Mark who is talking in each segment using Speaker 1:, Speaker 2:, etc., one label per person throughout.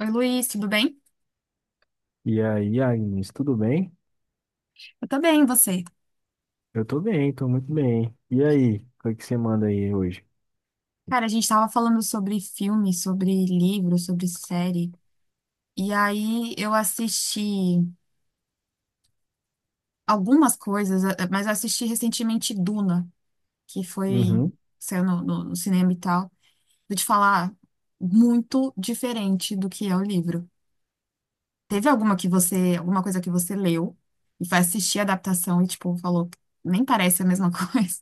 Speaker 1: Oi, Luiz, tudo bem?
Speaker 2: E aí, Agnes, tudo bem?
Speaker 1: Eu tô bem, e você?
Speaker 2: Eu tô bem, tô muito bem. E aí, o que é que você manda aí hoje?
Speaker 1: Cara, a gente tava falando sobre filme, sobre livro, sobre série. E aí eu assisti algumas coisas, mas eu assisti recentemente Duna, que foi,
Speaker 2: Uhum.
Speaker 1: saiu no cinema e tal. Vou te falar, muito diferente do que é o livro. Teve alguma que você, alguma coisa que você leu e foi assistir a adaptação e, tipo, falou, nem parece a mesma coisa.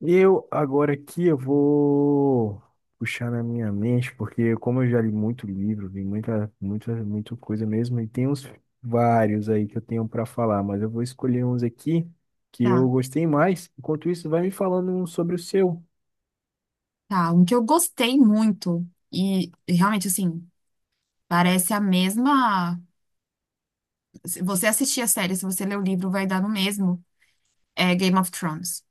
Speaker 2: Eu, agora aqui, eu vou puxar na minha mente, porque como eu já li muito livro, vi muita, muita, muita coisa mesmo, e tem uns vários aí que eu tenho pra falar, mas eu vou escolher uns aqui que eu
Speaker 1: Tá,
Speaker 2: gostei mais. Enquanto isso, vai me falando um sobre o seu.
Speaker 1: tá. Um que eu gostei muito. E realmente, assim. Parece a mesma. Se você assistir a série, se você ler o livro, vai dar no mesmo. É Game of Thrones.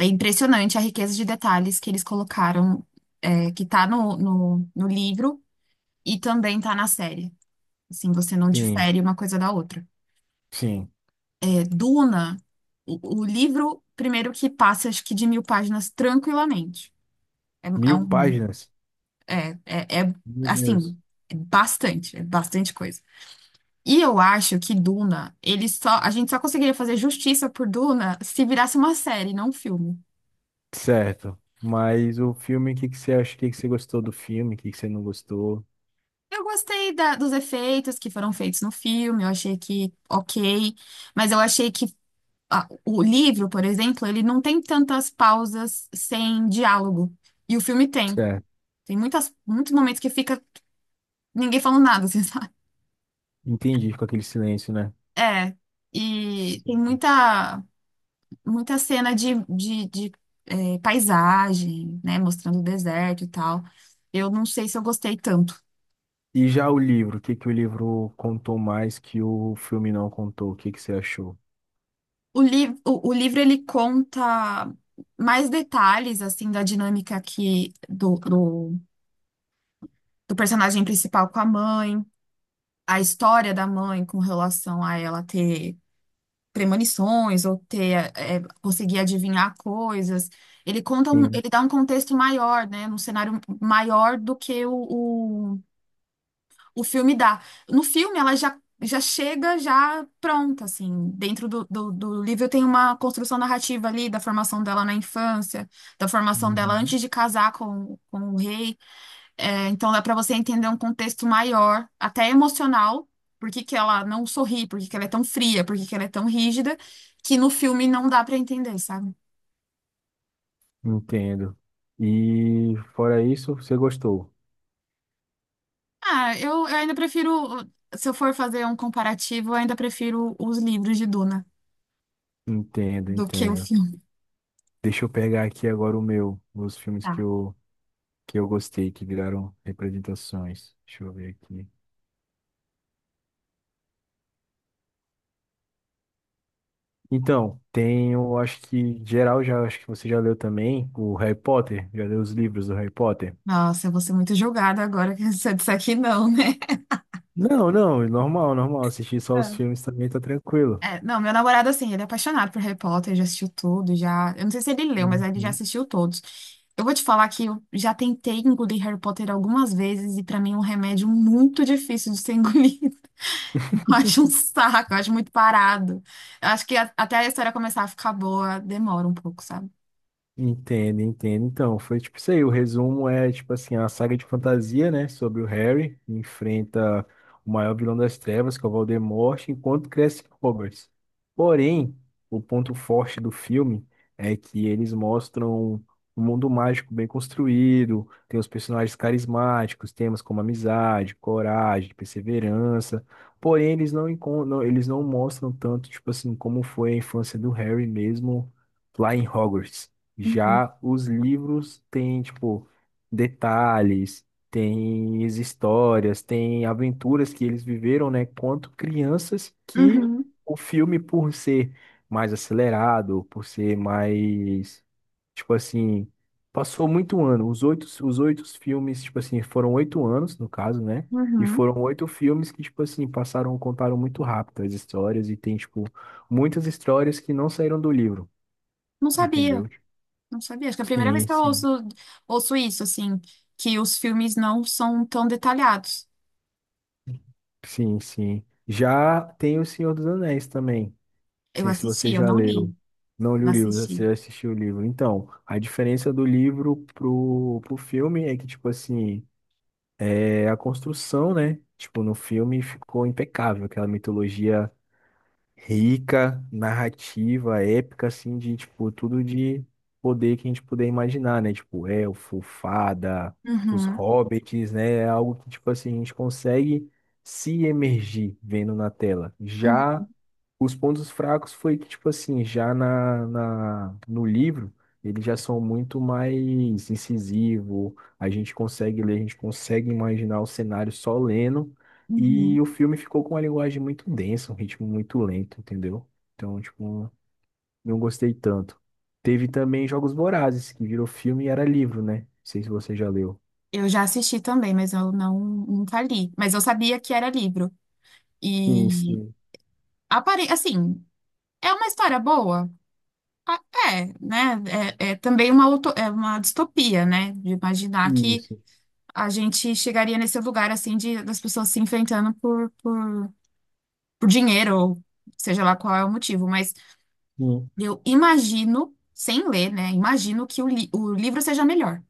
Speaker 1: É impressionante a riqueza de detalhes que eles colocaram, é, que tá no livro e também tá na série. Assim, você não
Speaker 2: Sim,
Speaker 1: difere uma coisa da outra.
Speaker 2: sim.
Speaker 1: É, Duna, o livro, primeiro que passa, acho que de mil páginas tranquilamente. É, é
Speaker 2: Mil
Speaker 1: um.
Speaker 2: páginas.
Speaker 1: É
Speaker 2: Meu Deus.
Speaker 1: assim, é bastante coisa. E eu acho que Duna, ele só, a gente só conseguiria fazer justiça por Duna se virasse uma série, não um filme.
Speaker 2: Certo. Mas o filme, o que que você acha? O que que você gostou do filme? O que que você não gostou?
Speaker 1: Eu gostei dos efeitos que foram feitos no filme, eu achei que ok, mas eu achei que o livro, por exemplo, ele não tem tantas pausas sem diálogo. E o filme tem.
Speaker 2: Certo.
Speaker 1: Tem muitos momentos que fica ninguém falando nada, assim, sabe?
Speaker 2: Entendi, com aquele silêncio, né?
Speaker 1: É. E tem
Speaker 2: Sim.
Speaker 1: muita cena paisagem, né? Mostrando o deserto e tal. Eu não sei se eu gostei tanto.
Speaker 2: E já o livro, o que que o livro contou mais que o filme não contou? O que que você achou?
Speaker 1: O livro ele conta mais detalhes assim da dinâmica aqui do personagem principal com a mãe, a história da mãe com relação a ela ter premonições ou ter conseguir adivinhar coisas.
Speaker 2: Sim.
Speaker 1: Ele dá um contexto maior, né, um cenário maior do que o filme dá. No filme, ela já chega já pronta, assim. Dentro do livro tem uma construção narrativa ali da formação dela na infância, da formação dela
Speaker 2: Uhum.
Speaker 1: antes de casar com o rei. É, então dá para você entender um contexto maior, até emocional, por que que ela não sorri, por que que ela é tão fria, por que que ela é tão rígida, que no filme não dá para entender, sabe?
Speaker 2: Entendo. E fora isso, você gostou?
Speaker 1: Ah, eu ainda prefiro, se eu for fazer um comparativo, eu ainda prefiro os livros de Duna
Speaker 2: Entendo,
Speaker 1: do que o
Speaker 2: entendo.
Speaker 1: filme.
Speaker 2: Deixa eu pegar aqui agora o meu, os filmes que eu gostei, que viraram representações. Deixa eu ver aqui. Então, tem, eu acho que geral já, acho que você já leu também o Harry Potter, já leu os livros do Harry Potter?
Speaker 1: Nossa, eu vou ser muito julgada agora que você disser que não, né?
Speaker 2: Não, não, é normal, normal, assistir só os
Speaker 1: É.
Speaker 2: filmes também tá tranquilo.
Speaker 1: É, não, meu namorado, assim, ele é apaixonado por Harry Potter, já assistiu tudo, já. Eu não sei se ele leu, mas ele já
Speaker 2: Uhum.
Speaker 1: assistiu todos. Eu vou te falar que eu já tentei engolir Harry Potter algumas vezes e pra mim é um remédio muito difícil de ser engolido. Eu acho um saco, eu acho muito parado. Eu acho que até a história começar a ficar boa demora um pouco, sabe?
Speaker 2: Entendo, entendo. Então, foi tipo isso aí. O resumo é, tipo assim, a saga de fantasia, né? Sobre o Harry, que enfrenta o maior vilão das trevas, que é o Voldemort, enquanto cresce Hogwarts. Porém, o ponto forte do filme é que eles mostram um mundo mágico bem construído, tem os personagens carismáticos, temas como amizade, coragem, perseverança. Porém, eles não, eles não mostram tanto, tipo assim, como foi a infância do Harry mesmo lá em Hogwarts.
Speaker 1: Uhum.
Speaker 2: Já os livros têm, tipo, detalhes, têm as histórias, têm aventuras que eles viveram, né, quanto crianças que
Speaker 1: Uhum,
Speaker 2: o filme, por ser mais acelerado, por ser mais, tipo assim, passou muito ano. Os oito filmes, tipo assim, foram oito anos, no caso, né? E
Speaker 1: uhum.
Speaker 2: foram oito filmes que, tipo assim, passaram, contaram muito rápido as histórias e tem, tipo, muitas histórias que não saíram do livro,
Speaker 1: Não sabia.
Speaker 2: entendeu?
Speaker 1: Não sabia. Acho que é a primeira vez
Speaker 2: Sim,
Speaker 1: que eu
Speaker 2: sim,
Speaker 1: ouço isso, assim, que os filmes não são tão detalhados.
Speaker 2: sim, sim. Já tem O Senhor dos Anéis também. Não
Speaker 1: Eu
Speaker 2: sei se você
Speaker 1: assisti, eu
Speaker 2: já
Speaker 1: não li,
Speaker 2: leu. Não li o
Speaker 1: mas
Speaker 2: livro, você
Speaker 1: assisti.
Speaker 2: assistiu o livro. Então, a diferença do livro pro filme é que, tipo assim, é a construção, né? Tipo, no filme ficou impecável, aquela mitologia rica, narrativa, épica, assim, de, tipo, tudo de poder que a gente puder imaginar, né? Tipo, elfo, fada, os
Speaker 1: Uhum,
Speaker 2: hobbits, né? É algo que, tipo assim, a gente consegue se emergir vendo na tela.
Speaker 1: uhum,
Speaker 2: Já os pontos fracos foi que, tipo assim, já no livro, eles já são muito mais incisivos, a gente consegue ler, a gente consegue imaginar o cenário só lendo,
Speaker 1: uhum.
Speaker 2: e o filme ficou com uma linguagem muito densa, um ritmo muito lento, entendeu? Então, tipo, não gostei tanto. Teve também Jogos Vorazes, que virou filme e era livro, né? Não sei se você já leu.
Speaker 1: Eu já assisti também, mas eu não, nunca li. Mas eu sabia que era livro.
Speaker 2: Sim,
Speaker 1: E,
Speaker 2: sim.
Speaker 1: assim, é uma história boa? Ah, é, né? É também é uma distopia, né? De imaginar que
Speaker 2: Isso.
Speaker 1: a gente chegaria nesse lugar, assim, das pessoas se enfrentando por dinheiro, ou seja lá qual é o motivo, mas
Speaker 2: Sim.
Speaker 1: eu imagino, sem ler, né? Imagino que o livro seja melhor.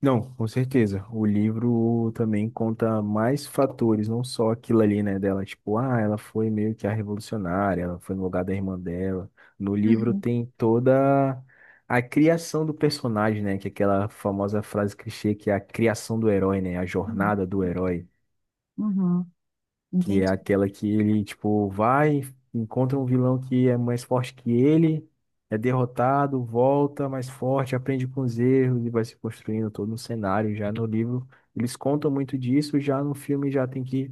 Speaker 2: Não, com certeza. O livro também conta mais fatores, não só aquilo ali, né, dela. Tipo, ah, ela foi meio que a revolucionária, ela foi no lugar da irmã dela. No livro
Speaker 1: Uhum,
Speaker 2: tem toda a criação do personagem, né, que é aquela famosa frase clichê que é a criação do herói, né, a
Speaker 1: uhum.
Speaker 2: jornada do herói
Speaker 1: Uhum,
Speaker 2: que é
Speaker 1: entendi.
Speaker 2: aquela que ele, tipo, vai, encontra um vilão que é mais forte que ele, é derrotado, volta mais forte, aprende com os erros e vai se construindo todo um cenário. Já no livro, eles contam muito disso, já no filme já tem que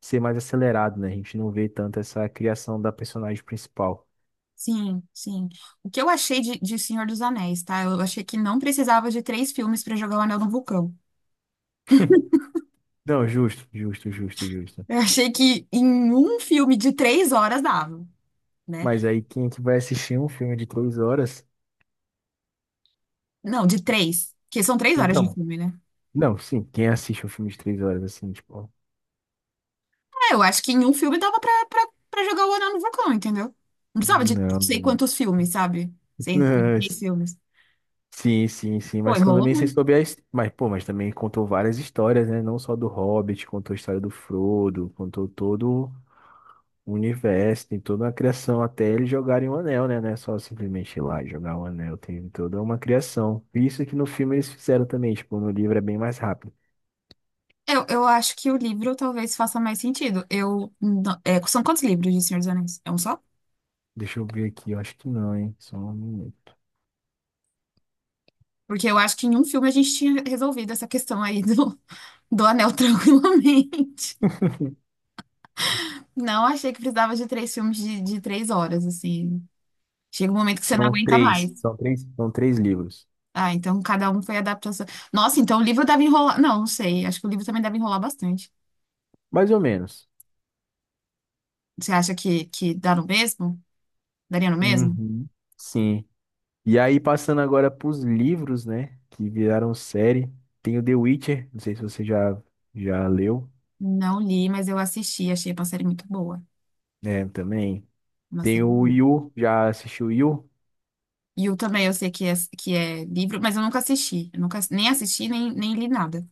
Speaker 2: ser mais acelerado, né? A gente não vê tanto essa criação da personagem principal.
Speaker 1: Sim, sim. O que eu achei de Senhor dos Anéis, tá? Eu achei que não precisava de três filmes para jogar o Anel no Vulcão.
Speaker 2: Não, justo, justo, justo, justo.
Speaker 1: Eu achei que em um filme de três horas dava, né?
Speaker 2: Mas aí quem é que vai assistir um filme de três horas?
Speaker 1: Não, de três, porque são três horas de
Speaker 2: Então,
Speaker 1: filme, né?
Speaker 2: não, sim, quem assiste um filme de três horas, assim, tipo,
Speaker 1: É, eu acho que em um filme dava pra jogar o Anel no Vulcão, entendeu? Não precisava de não
Speaker 2: não.
Speaker 1: sei quantos filmes, sabe? Sem três filmes.
Speaker 2: Sim, sim, sim,
Speaker 1: Pô,
Speaker 2: mas
Speaker 1: enrolou
Speaker 2: também sei
Speaker 1: muito.
Speaker 2: sobre as. Mas, pô, mas também contou várias histórias, né? Não só do Hobbit, contou a história do Frodo, contou todo o universo, tem toda uma criação, até eles jogarem o anel, né? Não é só simplesmente ir lá e jogar o anel, tem toda uma criação. Isso que no filme eles fizeram também, tipo, no livro é bem mais rápido.
Speaker 1: Eu acho que o livro talvez faça mais sentido. Eu, não- é, são quantos livros de Senhor dos Anéis? É um só?
Speaker 2: Deixa eu ver aqui, eu acho que não, hein? Só um minuto.
Speaker 1: Porque eu acho que em um filme a gente tinha resolvido essa questão aí do anel tranquilamente. Não achei que precisava de três filmes de três horas, assim. Chega um momento que você não
Speaker 2: São
Speaker 1: aguenta mais.
Speaker 2: três, são três, são três livros,
Speaker 1: Ah, então cada um foi adaptação. Nossa, então o livro deve enrolar. Não, não sei. Acho que o livro também deve enrolar bastante.
Speaker 2: mais ou menos.
Speaker 1: Você acha que dá no mesmo? Daria no mesmo?
Speaker 2: Uhum. Sim. E aí, passando agora pros livros, né? Que viraram série. Tem o The Witcher, não sei se você já, já leu,
Speaker 1: Não li, mas eu assisti. Achei uma série muito boa.
Speaker 2: né? Também.
Speaker 1: Uma
Speaker 2: Tem
Speaker 1: série
Speaker 2: o
Speaker 1: boa.
Speaker 2: Yu, já assistiu Yu,
Speaker 1: E o também eu sei que que é livro, mas eu nunca assisti. Eu nunca, nem assisti, nem li nada.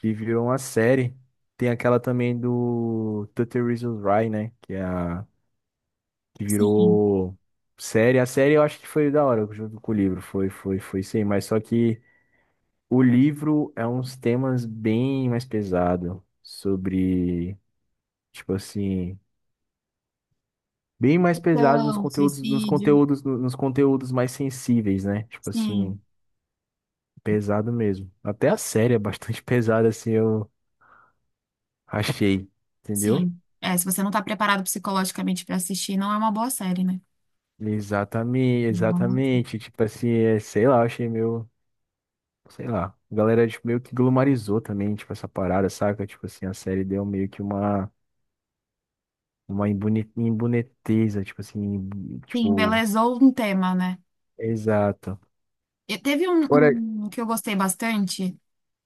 Speaker 2: que virou uma série. Tem aquela também do 30 Reasons Why, né? Que, é a, que
Speaker 1: Sim.
Speaker 2: virou série. A série eu acho que foi da hora, junto com o livro. Foi, foi, foi sim. Mas só que o livro é uns temas bem mais pesados. Sobre, tipo assim. Bem mais pesado nos
Speaker 1: Então,
Speaker 2: conteúdos, nos
Speaker 1: suicídio.
Speaker 2: conteúdos, nos conteúdos mais sensíveis, né? Tipo
Speaker 1: Sim,
Speaker 2: assim, pesado mesmo. Até a série é bastante pesada, assim, eu achei, entendeu?
Speaker 1: sim. É, se você não está preparado psicologicamente para assistir, não é uma boa série, né?
Speaker 2: Exatamente,
Speaker 1: Não é uma boa série.
Speaker 2: exatamente. Tipo assim, é, sei lá, eu achei meio, sei lá. A galera tipo, meio que glumarizou também, tipo, essa parada, saca? Tipo assim, a série deu meio que uma imboniteza, tipo assim,
Speaker 1: Sim,
Speaker 2: tipo,
Speaker 1: embelezou um tema, né?
Speaker 2: exato.
Speaker 1: E teve um que eu gostei bastante,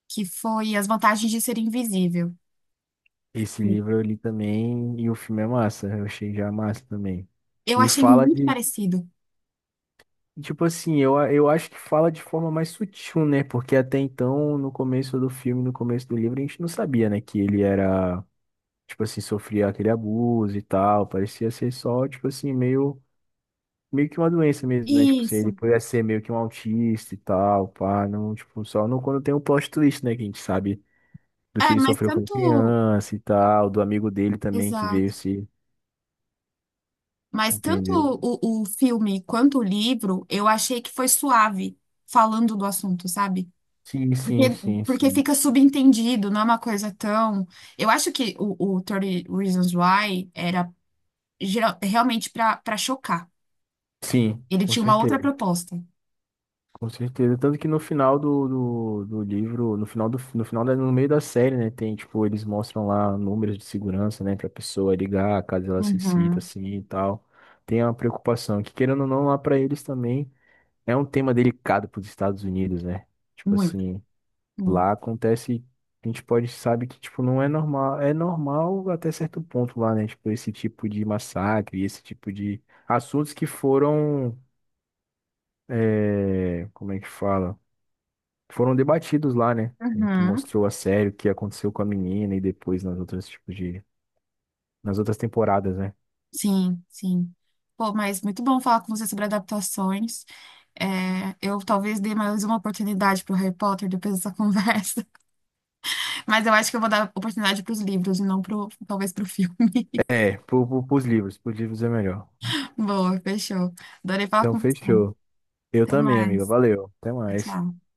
Speaker 1: que foi As Vantagens de Ser Invisível.
Speaker 2: Esse livro eu li também e o filme é massa, eu achei já massa também.
Speaker 1: Eu
Speaker 2: E
Speaker 1: achei
Speaker 2: fala
Speaker 1: muito
Speaker 2: de,
Speaker 1: parecido.
Speaker 2: tipo assim, eu, eu acho que fala de forma mais sutil, né? Porque até então, no começo do filme, no começo do livro, a gente não sabia, né? Que ele era, tipo assim, sofria aquele abuso e tal. Parecia ser só, tipo assim, meio, meio que uma doença mesmo, né? Tipo assim, ele
Speaker 1: Isso.
Speaker 2: podia ser meio que um autista e tal, pá, não, tipo, só não quando tem o plot twist, né? Que a gente sabe do
Speaker 1: É,
Speaker 2: que ele
Speaker 1: mas
Speaker 2: sofreu quando
Speaker 1: tanto.
Speaker 2: criança e tal, do amigo dele também que veio
Speaker 1: Exato.
Speaker 2: se.
Speaker 1: Mas tanto
Speaker 2: Entendeu?
Speaker 1: o filme quanto o livro, eu achei que foi suave falando do assunto, sabe?
Speaker 2: Sim, sim,
Speaker 1: Porque,
Speaker 2: sim,
Speaker 1: Porque
Speaker 2: sim.
Speaker 1: fica subentendido, não é uma coisa tão. Eu acho que o 30 Reasons Why era realmente para chocar.
Speaker 2: Sim,
Speaker 1: Ele
Speaker 2: com
Speaker 1: tinha uma outra
Speaker 2: certeza,
Speaker 1: proposta.
Speaker 2: com certeza. Tanto que no final do, do, do livro, no final do, no final no meio da série, né, tem, tipo, eles mostram lá números de segurança, né, pra pessoa ligar, caso ela se sinta
Speaker 1: Uhum.
Speaker 2: assim e tal. Tem uma preocupação, que querendo ou não, lá pra eles também é um tema delicado pros Estados Unidos, né? Tipo
Speaker 1: Muito,
Speaker 2: assim,
Speaker 1: muito.
Speaker 2: lá acontece, a gente pode, sabe que, tipo, não é normal, é normal até certo ponto lá, né? Tipo, esse tipo de massacre, esse tipo de assuntos que foram é, como é que fala? Foram debatidos lá, né? E que
Speaker 1: Uhum.
Speaker 2: mostrou a sério o que aconteceu com a menina e depois nas outras tipos de, nas outras temporadas, né?
Speaker 1: Sim, sim. Pô, mas muito bom falar com você sobre adaptações. É, eu talvez dê mais uma oportunidade para o Harry Potter depois dessa conversa, mas eu acho que eu vou dar oportunidade para os livros e não pro, talvez para o filme.
Speaker 2: É, pro, pros livros é melhor.
Speaker 1: Boa, fechou. Adorei falar
Speaker 2: Então
Speaker 1: com você.
Speaker 2: fechou. Eu
Speaker 1: Até
Speaker 2: também, amiga.
Speaker 1: mais.
Speaker 2: Valeu. Até
Speaker 1: Tchau,
Speaker 2: mais.
Speaker 1: tchau.